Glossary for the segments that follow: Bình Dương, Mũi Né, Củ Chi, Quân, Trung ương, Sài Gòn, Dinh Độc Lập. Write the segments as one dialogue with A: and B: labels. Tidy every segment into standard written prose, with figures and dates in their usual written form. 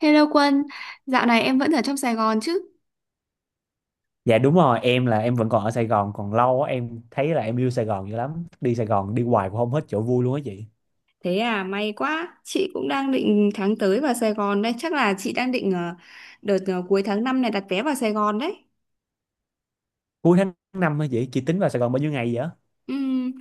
A: Hello Quân, dạo này em vẫn ở trong Sài Gòn chứ?
B: Dạ đúng rồi, em là em vẫn còn ở Sài Gòn còn lâu á. Em thấy là em yêu Sài Gòn dữ lắm. Đi Sài Gòn đi hoài cũng không hết chỗ vui luôn á chị.
A: Thế à, may quá. Chị cũng đang định tháng tới vào Sài Gòn đây. Chắc là chị đang định đợt cuối tháng 5 này đặt vé vào Sài Gòn đấy.
B: Cuối tháng 5 hả chị? Chị tính vào Sài Gòn bao nhiêu ngày vậy?
A: Ừm,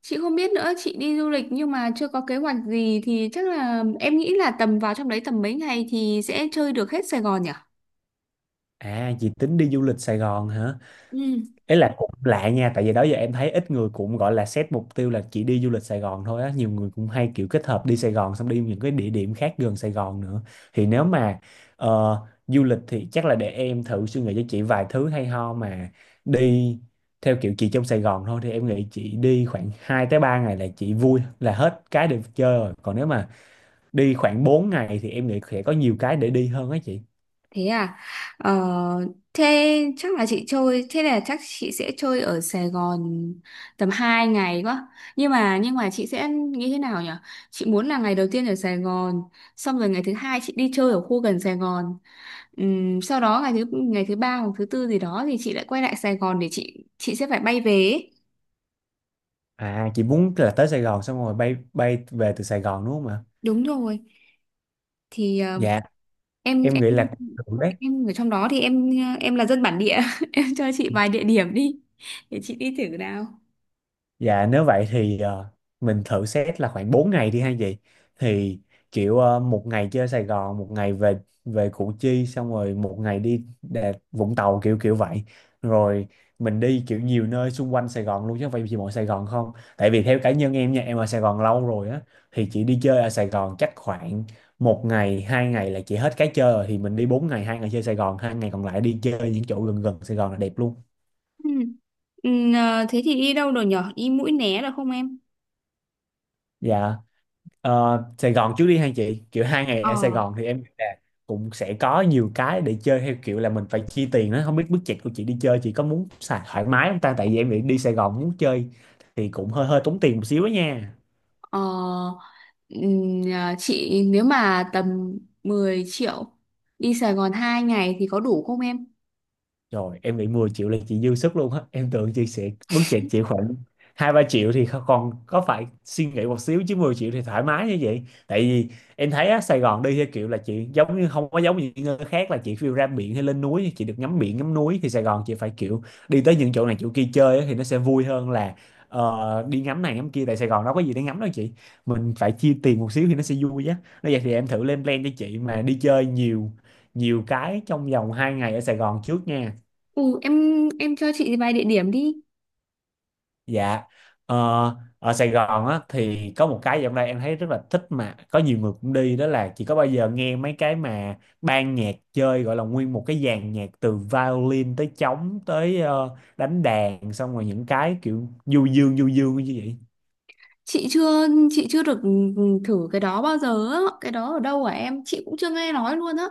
A: chị không biết nữa, chị đi du lịch nhưng mà chưa có kế hoạch gì thì chắc là em nghĩ là tầm vào trong đấy tầm mấy ngày thì sẽ chơi được hết Sài Gòn nhỉ?
B: À, chị tính đi du lịch Sài Gòn hả?
A: Ừ.
B: Ý là cũng lạ nha, tại vì đó giờ em thấy ít người cũng gọi là set mục tiêu là chỉ đi du lịch Sài Gòn thôi á. Nhiều người cũng hay kiểu kết hợp đi Sài Gòn xong đi những cái địa điểm khác gần Sài Gòn nữa. Thì nếu mà ờ, du lịch thì chắc là để em thử suy nghĩ cho chị vài thứ hay ho, mà đi theo kiểu chị trong Sài Gòn thôi thì em nghĩ chị đi khoảng 2 tới 3 ngày là chị vui là hết cái để chơi rồi. Còn nếu mà đi khoảng 4 ngày thì em nghĩ sẽ có nhiều cái để đi hơn á chị.
A: Thế à? Ờ, thế chắc là chị chơi, thế là chắc chị sẽ chơi ở Sài Gòn tầm 2 ngày quá. Nhưng mà chị sẽ nghĩ thế nào nhỉ? Chị muốn là ngày đầu tiên ở Sài Gòn, xong rồi ngày thứ hai chị đi chơi ở khu gần Sài Gòn. Sau đó ngày thứ ba hoặc thứ tư gì đó thì chị lại quay lại Sài Gòn để chị sẽ phải bay về ấy.
B: À, chị muốn là tới Sài Gòn xong rồi bay bay về từ Sài Gòn đúng không ạ?
A: Đúng rồi. Thì
B: Dạ.
A: em
B: Em
A: em
B: nghĩ là thử đấy.
A: em ở trong đó thì em là dân bản địa, em cho chị vài địa điểm đi để chị đi thử nào.
B: Dạ, nếu vậy thì mình thử xét là khoảng 4 ngày đi hay gì, thì kiểu một ngày chơi Sài Gòn, một ngày về về Củ Chi, xong rồi một ngày đi Vũng Tàu kiểu kiểu vậy. Rồi mình đi kiểu nhiều nơi xung quanh Sài Gòn luôn chứ không phải chỉ mỗi Sài Gòn không, tại vì theo cá nhân em nha, em ở Sài Gòn lâu rồi á, thì chỉ đi chơi ở Sài Gòn chắc khoảng một ngày hai ngày là chỉ hết cái chơi rồi, thì mình đi 4 ngày, hai ngày chơi Sài Gòn, hai ngày còn lại đi chơi những chỗ gần gần Sài Gòn là đẹp luôn.
A: Ừ. Ừ, à, thế thì đi đâu rồi nhở? Đi Mũi Né được không em?
B: Dạ. Ờ, Sài Gòn trước đi hai chị kiểu hai ngày
A: Ờ,
B: ở Sài
A: ừ.
B: Gòn thì em nghĩ là cũng sẽ có nhiều cái để chơi, theo kiểu là mình phải chi tiền đó, không biết budget của chị đi chơi chị có muốn xài thoải mái không ta, tại vì em nghĩ đi Sài Gòn muốn chơi thì cũng hơi hơi tốn tiền một xíu đó nha.
A: Ờ, à, chị nếu mà tầm 10 triệu đi Sài Gòn 2 ngày thì có đủ không em?
B: Rồi em bị 10 triệu là chị dư sức luôn á. Em tưởng chị sẽ bước chạy chị khoảng 2-3 triệu thì còn có phải suy nghĩ một xíu, chứ 10 triệu thì thoải mái như vậy. Tại vì em thấy á, Sài Gòn đi theo kiểu là chị giống như không có giống như những nơi khác là chị phiêu ra biển hay lên núi, chị được ngắm biển ngắm núi. Thì Sài Gòn chị phải kiểu đi tới những chỗ này chỗ kia chơi á, thì nó sẽ vui hơn là đi ngắm này ngắm kia. Tại Sài Gòn đâu có gì để ngắm đâu chị. Mình phải chia tiền một xíu thì nó sẽ vui á. Nói vậy thì em thử lên plan cho chị mà đi chơi nhiều nhiều cái trong vòng 2 ngày ở Sài Gòn trước nha.
A: Ừ, em cho chị vài địa điểm đi.
B: Dạ. Ờ, ở Sài Gòn á thì có một cái dạo này em thấy rất là thích mà có nhiều người cũng đi, đó là chỉ có bao giờ nghe mấy cái mà ban nhạc chơi gọi là nguyên một cái dàn nhạc từ violin tới trống tới đánh đàn, xong rồi những cái kiểu du dương như vậy.
A: Chị chưa được thử cái đó bao giờ á. Cái đó ở đâu hả em? Chị cũng chưa nghe nói luôn á.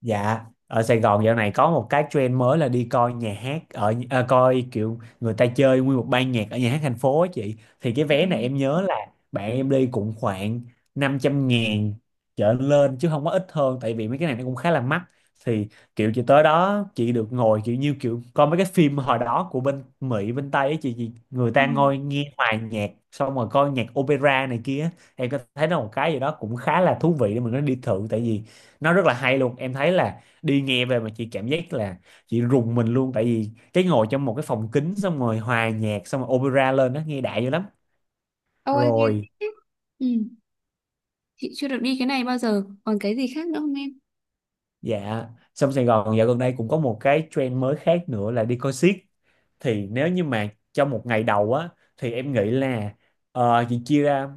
B: Dạ, ở Sài Gòn dạo này có một cái trend mới là đi coi nhà hát, coi kiểu người ta chơi nguyên một ban nhạc ở nhà hát thành phố á chị. Thì cái vé này em nhớ là bạn em đi cũng khoảng 500.000 trở lên chứ không có ít hơn, tại vì mấy cái này nó cũng khá là mắc. Thì kiểu chị tới đó chị được ngồi kiểu như kiểu coi mấy cái phim hồi đó của bên Mỹ bên Tây ấy chị, người
A: Ừ.
B: ta ngồi nghe hòa nhạc xong rồi coi nhạc opera này kia. Em có thấy nó một cái gì đó cũng khá là thú vị để mình nó đi thử, tại vì nó rất là hay luôn. Em thấy là đi nghe về mà chị cảm giác là chị rùng mình luôn, tại vì cái ngồi trong một cái phòng kính xong rồi hòa nhạc xong rồi opera lên đó nghe đại dữ lắm.
A: Ôi nghe
B: Rồi.
A: thích thế. Ừ, chị chưa được đi cái này bao giờ. Còn cái gì khác nữa không em?
B: Dạ. Xong Sài Gòn dạo gần đây cũng có một cái trend mới khác nữa là đi coi xiếc. Thì nếu như mà trong một ngày đầu á thì em nghĩ là chị chia ra,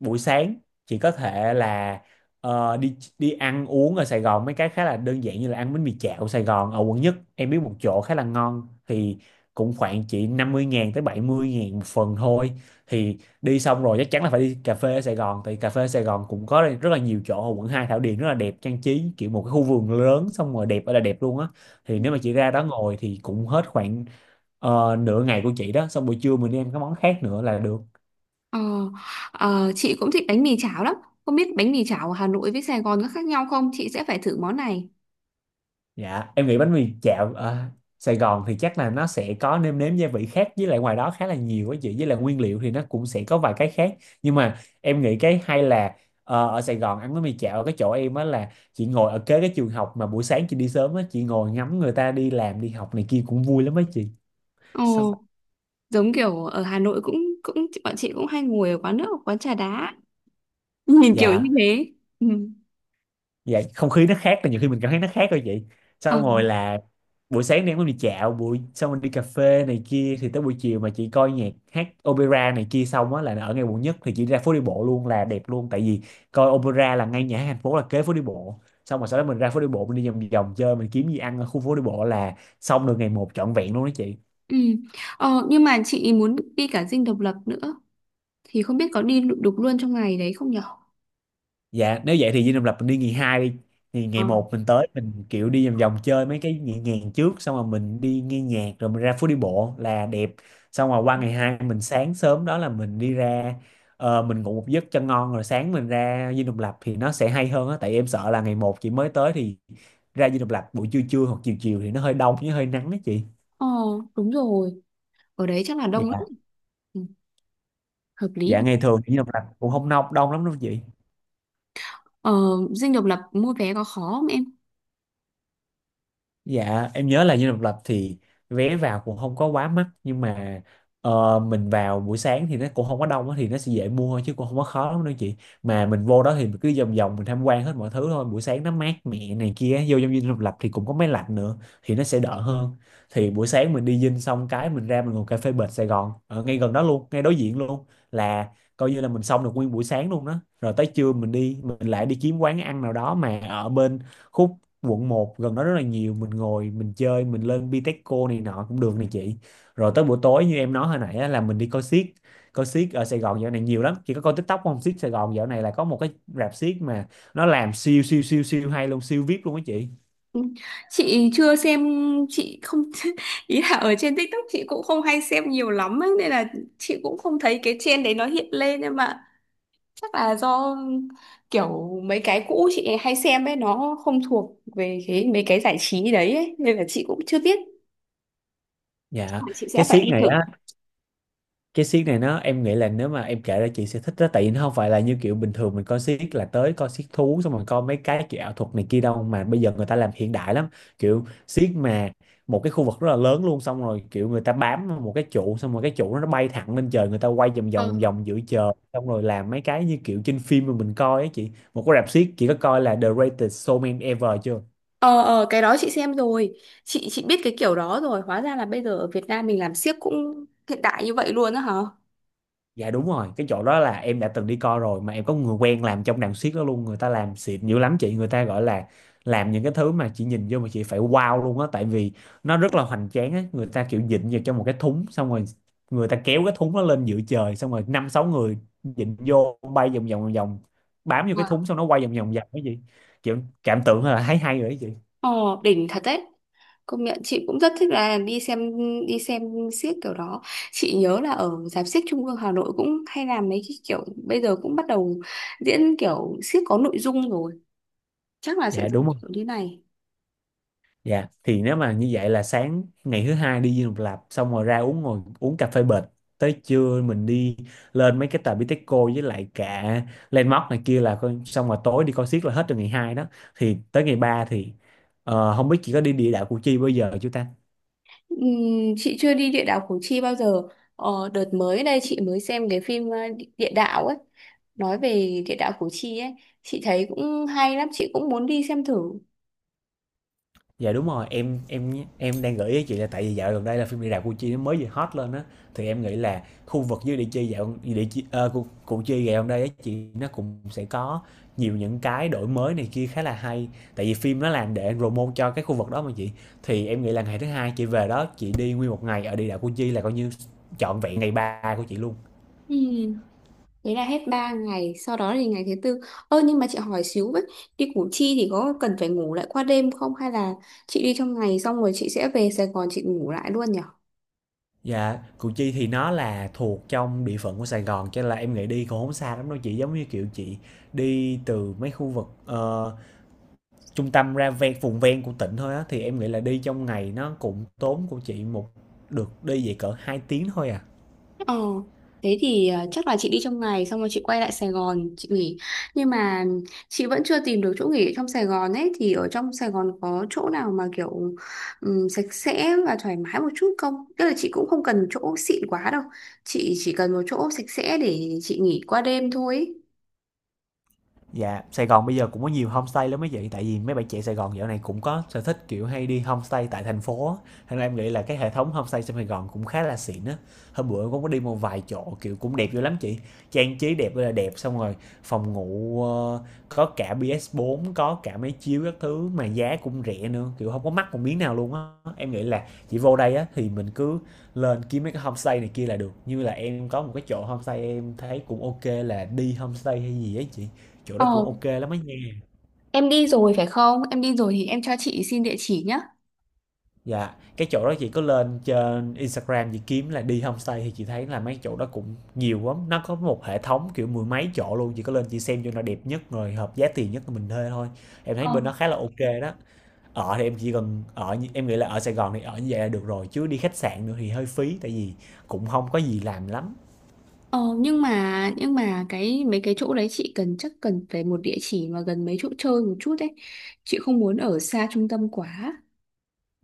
B: buổi sáng chị có thể là đi đi ăn uống ở Sài Gòn mấy cái khá là đơn giản, như là ăn bánh mì chảo Sài Gòn ở quận nhất, em biết một chỗ khá là ngon, thì cũng khoảng chỉ 50.000 tới 70.000 một phần thôi. Thì đi xong rồi chắc chắn là phải đi cà phê ở Sài Gòn, tại cà phê ở Sài Gòn cũng có rất là nhiều chỗ ở quận Hai, Thảo Điền rất là đẹp, trang trí kiểu một cái khu vườn lớn xong rồi đẹp ở là đẹp luôn á. Thì nếu mà chị ra đó ngồi thì cũng hết khoảng nửa ngày của chị đó, xong buổi trưa mình đi ăn cái món khác nữa là được.
A: Ờ, ờ, chị cũng thích bánh mì chảo lắm. Không biết bánh mì chảo ở Hà Nội với Sài Gòn có khác nhau không? Chị sẽ phải thử món này.
B: Dạ, em nghĩ bánh mì chảo ở Sài Gòn thì chắc là nó sẽ có nêm nếm gia vị khác với lại ngoài đó khá là nhiều á chị, với lại nguyên liệu thì nó cũng sẽ có vài cái khác, nhưng mà em nghĩ cái hay là ở Sài Gòn ăn bánh mì chảo ở cái chỗ em á là chị ngồi ở kế cái trường học, mà buổi sáng chị đi sớm á, chị ngồi ngắm người ta đi làm đi học này kia cũng vui lắm á chị. Xong.
A: Ồ, giống kiểu ở Hà Nội cũng cũng bọn chị cũng hay ngồi ở quán nước, ở quán trà đá. Nhìn kiểu như
B: Dạ.
A: thế. Ừ.
B: Dạ, không khí nó khác, là nhiều khi mình cảm thấy nó khác thôi vậy.
A: Ờ,
B: Xong rồi là buổi sáng đang muốn đi dạo buổi xong rồi đi cà phê này kia, thì tới buổi chiều mà chị coi nhạc hát opera này kia xong á là ở ngay quận nhất thì chị ra phố đi bộ luôn là đẹp luôn, tại vì coi opera là ngay nhà hát thành phố là kế phố đi bộ, xong rồi sau đó mình ra phố đi bộ mình đi vòng vòng chơi mình kiếm gì ăn ở khu phố đi bộ là xong được ngày một trọn vẹn luôn đó chị.
A: ừ. Ờ, nhưng mà chị muốn đi cả Dinh Độc Lập nữa thì không biết có đi được luôn trong ngày đấy không nhở?
B: Dạ nếu vậy thì Dinh Độc Lập mình đi ngày hai đi, thì
A: Ờ,
B: ngày một mình tới mình kiểu đi vòng vòng chơi mấy cái nhẹ nhàng trước xong rồi mình đi nghe nhạc rồi mình ra phố đi bộ là đẹp. Xong rồi qua ngày hai mình sáng sớm đó là mình đi ra, mình ngủ một giấc cho ngon rồi sáng mình ra Dinh Độc Lập thì nó sẽ hay hơn á, tại em sợ là ngày một chị mới tới thì ra Dinh Độc Lập buổi trưa trưa hoặc chiều chiều thì nó hơi đông với hơi nắng đó chị.
A: ờ, đúng rồi. Ở đấy chắc là đông lắm.
B: Dạ.
A: Ừ, hợp lý.
B: Dạ, ngày thường thì Dinh Độc Lập cũng không đông lắm đâu chị.
A: Ờ, Dinh Độc Lập mua vé có khó không em?
B: Dạ em nhớ là Dinh Độc Lập thì vé vào cũng không có quá mắc, nhưng mà mình vào buổi sáng thì nó cũng không có đông á, thì nó sẽ dễ mua thôi chứ cũng không có khó lắm đâu chị. Mà mình vô đó thì mình cứ vòng vòng mình tham quan hết mọi thứ thôi, buổi sáng nó mát mẻ này kia, vô trong Dinh Độc Lập thì cũng có máy lạnh nữa thì nó sẽ đỡ hơn. Thì buổi sáng mình đi Dinh xong cái mình ra mình ngồi cà phê bệt Sài Gòn ở ngay gần đó luôn, ngay đối diện luôn, là coi như là mình xong được nguyên buổi sáng luôn đó. Rồi tới trưa mình đi mình lại đi kiếm quán ăn nào đó mà ở bên khúc quận một gần đó rất là nhiều, mình ngồi mình chơi mình lên Bitexco này nọ cũng được này chị. Rồi tới buổi tối như em nói hồi nãy á, là mình đi coi xiếc. Coi xiếc ở Sài Gòn dạo này nhiều lắm, chị có coi TikTok không? Xiếc Sài Gòn dạo này là có một cái rạp xiếc mà nó làm siêu siêu siêu siêu hay luôn, siêu VIP luôn á chị.
A: Ừ. Chị chưa xem, chị không ý là ở trên TikTok chị cũng không hay xem nhiều lắm ấy, nên là chị cũng không thấy cái trend đấy nó hiện lên nhưng mà chắc là do kiểu mấy cái cũ chị hay xem ấy nó không thuộc về cái mấy cái giải trí đấy ấy, nên là chị cũng chưa biết chắc
B: Dạ.
A: là chị sẽ
B: cái
A: phải
B: xiếc
A: đi
B: này
A: thử.
B: á cái xiếc này nó em nghĩ là nếu mà em kể ra chị sẽ thích đó, tại vì nó không phải là như kiểu bình thường mình coi xiếc là tới coi xiếc thú xong rồi coi mấy cái kiểu ảo thuật này kia đâu mà bây giờ người ta làm hiện đại lắm. Kiểu xiếc mà một cái khu vực rất là lớn luôn, xong rồi kiểu người ta bám vào một cái trụ, xong rồi cái trụ đó nó bay thẳng lên trời, người ta quay vòng
A: Ờ.
B: vòng vòng giữa trời, xong rồi làm mấy cái như kiểu trên phim mà mình coi á chị. Một cái rạp xiếc, chị có coi là The Greatest Showman Ever chưa?
A: Ờ cái đó chị xem rồi, chị biết cái kiểu đó rồi. Hóa ra là bây giờ ở Việt Nam mình làm xiếc cũng hiện đại như vậy luôn á hả?
B: Dạ đúng rồi, cái chỗ đó là em đã từng đi coi rồi, mà em có người quen làm trong đàn xiếc đó luôn, người ta làm xịn dữ lắm chị, người ta gọi là làm những cái thứ mà chị nhìn vô mà chị phải wow luôn á, tại vì nó rất là hoành tráng á, người ta kiểu dịnh vào trong một cái thúng xong rồi người ta kéo cái thúng nó lên giữa trời, xong rồi 5-6 người dịnh vô bay vòng vòng vòng vòng bám vô cái thúng, xong nó quay vòng vòng vòng cái gì. Kiểu cảm tưởng là thấy hay rồi đó chị.
A: Ồ, đỉnh thật đấy. Công nhận chị cũng rất thích là đi xem xiếc kiểu đó. Chị nhớ là ở rạp xiếc Trung ương Hà Nội cũng hay làm mấy cái kiểu bây giờ cũng bắt đầu diễn kiểu xiếc có nội dung rồi. Chắc là sẽ
B: Dạ đúng
A: giống
B: rồi.
A: kiểu như này.
B: Dạ, thì nếu mà như vậy là sáng ngày thứ hai đi Dinh Độc Lập, xong rồi ra uống ngồi uống cà phê bệt tới trưa mình đi lên mấy cái tòa Bitexco với lại cả Landmark này kia, là coi xong rồi tối đi coi xiếc là hết từ ngày 2 đó. Thì tới ngày 3 thì không biết chị có đi địa đạo Củ Chi bao giờ chưa ta?
A: Chị chưa đi địa đạo Củ Chi bao giờ. Ờ, đợt mới đây chị mới xem cái phim địa đạo ấy. Nói về địa đạo Củ Chi ấy, chị thấy cũng hay lắm, chị cũng muốn đi xem thử.
B: Dạ đúng rồi, em đang gợi ý chị là tại vì dạo gần đây là phim "Địa đạo Củ Chi" nó mới vừa hot lên á, thì em nghĩ là khu vực dưới Địa Chi dạo Địa Chi ờ, Củ, Củ Chi dạo gần đây á chị nó cũng sẽ có nhiều những cái đổi mới này kia khá là hay. Tại vì phim nó làm để promote cho cái khu vực đó mà chị. Thì em nghĩ là ngày thứ hai chị về đó, chị đi nguyên một ngày ở Địa đạo Củ Chi là coi như trọn vẹn ngày 3 của chị luôn.
A: Ừ. Đấy là hết 3 ngày, sau đó thì ngày thứ tư. Ơ nhưng mà chị hỏi xíu với, đi Củ Chi thì có cần phải ngủ lại qua đêm không hay là chị đi trong ngày xong rồi chị sẽ về Sài Gòn chị ngủ lại luôn nhỉ?
B: Dạ, Củ Chi thì nó là thuộc trong địa phận của Sài Gòn, cho nên là em nghĩ đi cũng không xa lắm đâu chị, giống như kiểu chị đi từ mấy khu vực trung tâm ra ven vùng ven của tỉnh thôi á, thì em nghĩ là đi trong ngày nó cũng tốn của chị một được đi về cỡ 2 tiếng thôi à.
A: Ờ, thế thì chắc là chị đi trong ngày xong rồi chị quay lại Sài Gòn chị nghỉ. Nhưng mà chị vẫn chưa tìm được chỗ nghỉ ở trong Sài Gòn ấy thì ở trong Sài Gòn có chỗ nào mà kiểu sạch sẽ và thoải mái một chút không? Tức là chị cũng không cần chỗ xịn quá đâu. Chị chỉ cần một chỗ sạch sẽ để chị nghỉ qua đêm thôi ấy.
B: Dạ, Sài Gòn bây giờ cũng có nhiều homestay lắm mấy chị, tại vì mấy bạn trẻ Sài Gòn dạo này cũng có sở thích, kiểu, hay đi homestay tại thành phố á, thành ra em nghĩ là cái hệ thống homestay trong Sài Gòn cũng khá là xịn á. Hôm bữa cũng có đi một vài chỗ, kiểu, cũng đẹp vô lắm chị, trang trí đẹp ơi là đẹp, xong rồi phòng ngủ, có cả PS4, có cả máy chiếu các thứ mà giá cũng rẻ nữa, kiểu, không có mắc một miếng nào luôn á. Em nghĩ là chị vô đây á thì mình cứ lên kiếm mấy cái homestay này kia là được, như là em có một cái chỗ homestay em thấy cũng ok là Đi Homestay hay gì ấy chị. Chỗ đó cũng
A: Ờ,
B: ok lắm ấy nha.
A: em đi rồi phải không? Em đi rồi thì em cho chị xin địa chỉ nhé.
B: Dạ, cái chỗ đó chị có lên trên Instagram chị kiếm là đi homestay thì chị thấy là mấy chỗ đó cũng nhiều lắm, nó có một hệ thống, kiểu, mười mấy chỗ luôn, chị có lên chị xem chỗ nào đẹp nhất rồi hợp giá tiền nhất của mình thuê thôi. Em thấy
A: Ờ,
B: bên đó khá là ok đó. Ở thì em chỉ cần ở như em nghĩ là ở Sài Gòn thì ở như vậy là được rồi, chứ đi khách sạn nữa thì hơi phí tại vì cũng không có gì làm lắm.
A: ờ, nhưng mà cái mấy cái chỗ đấy chị cần chắc cần phải một địa chỉ mà gần mấy chỗ chơi một chút đấy. Chị không muốn ở xa trung tâm quá.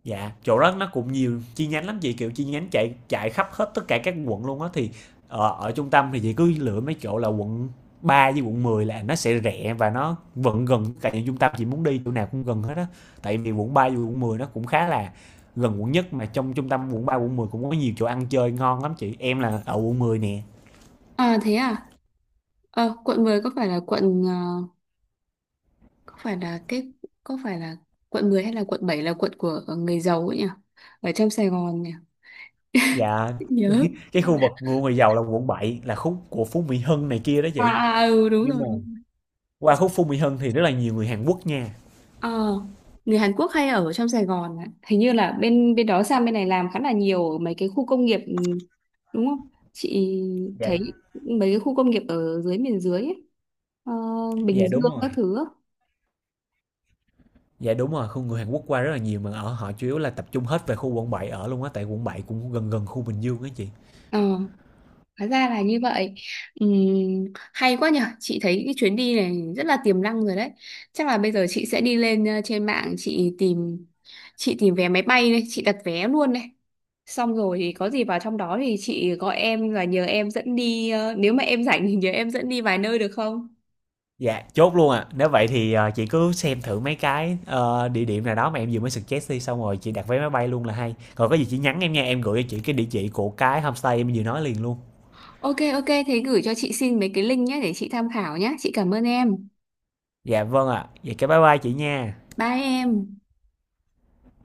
B: Dạ, chỗ đó nó cũng nhiều chi nhánh lắm chị, kiểu, chi nhánh chạy chạy khắp hết tất cả các quận luôn á, thì, ở ở trung tâm thì chị cứ lựa mấy chỗ là Quận 3 với Quận 10 là nó sẽ rẻ và nó vẫn gần tất cả những trung tâm chị muốn đi, chỗ nào cũng gần hết á. Tại vì Quận 3 với quận 10 nó cũng khá là gần quận nhất, mà trong trung tâm Quận 3 Quận 10 cũng có nhiều chỗ ăn chơi ngon lắm chị. Em là ở Quận 10 nè.
A: À thế à? Ờ, quận 10 có phải là cái có phải là quận 10 hay là quận 7 là quận của người giàu ấy nhỉ? Ở trong Sài Gòn nhỉ?
B: Dạ,
A: Nhớ.
B: cái khu vực của người giàu là Quận 7 là khúc của Phú Mỹ Hưng này kia đó
A: À
B: chị.
A: à, ừ đúng
B: Nhưng
A: rồi.
B: mà qua khúc Phú Mỹ Hưng thì rất là nhiều người Hàn Quốc nha.
A: Ờ, người Hàn Quốc hay ở trong Sài Gòn ạ. Hình như là bên bên đó sang bên này làm khá là nhiều ở mấy cái khu công nghiệp đúng không? Chị thấy
B: Dạ,
A: mấy cái khu công nghiệp ở dưới miền dưới ấy. Ờ, Bình
B: dạ
A: Dương
B: đúng rồi.
A: các thứ.
B: Dạ đúng rồi, khu người Hàn Quốc qua rất là nhiều mà ở họ chủ yếu là tập trung hết về khu Quận 7 ở luôn á, tại Quận 7 cũng gần gần khu Bình Dương á chị.
A: Ờ. Hóa ra là như vậy. Ừm, Hay quá nhở. Chị thấy cái chuyến đi này rất là tiềm năng rồi đấy. Chắc là bây giờ chị sẽ đi lên trên mạng chị tìm vé máy bay đây, chị đặt vé luôn đây. Xong rồi thì có gì vào trong đó thì chị gọi em và nhờ em dẫn đi nếu mà em rảnh thì nhờ em dẫn đi vài nơi được không?
B: Dạ, chốt luôn À. Nếu vậy thì chị cứ xem thử mấy cái địa điểm nào đó mà em vừa mới suggest đi xong rồi chị đặt vé máy bay luôn là hay. Còn có gì chị nhắn em nha, em gửi cho chị cái địa chỉ của cái homestay em vừa nói liền luôn.
A: Ok ok thế gửi cho chị xin mấy cái link nhé để chị tham khảo nhé. Chị cảm ơn em.
B: Dạ vâng ạ. Vậy cái bye bye chị nha.
A: Bye em.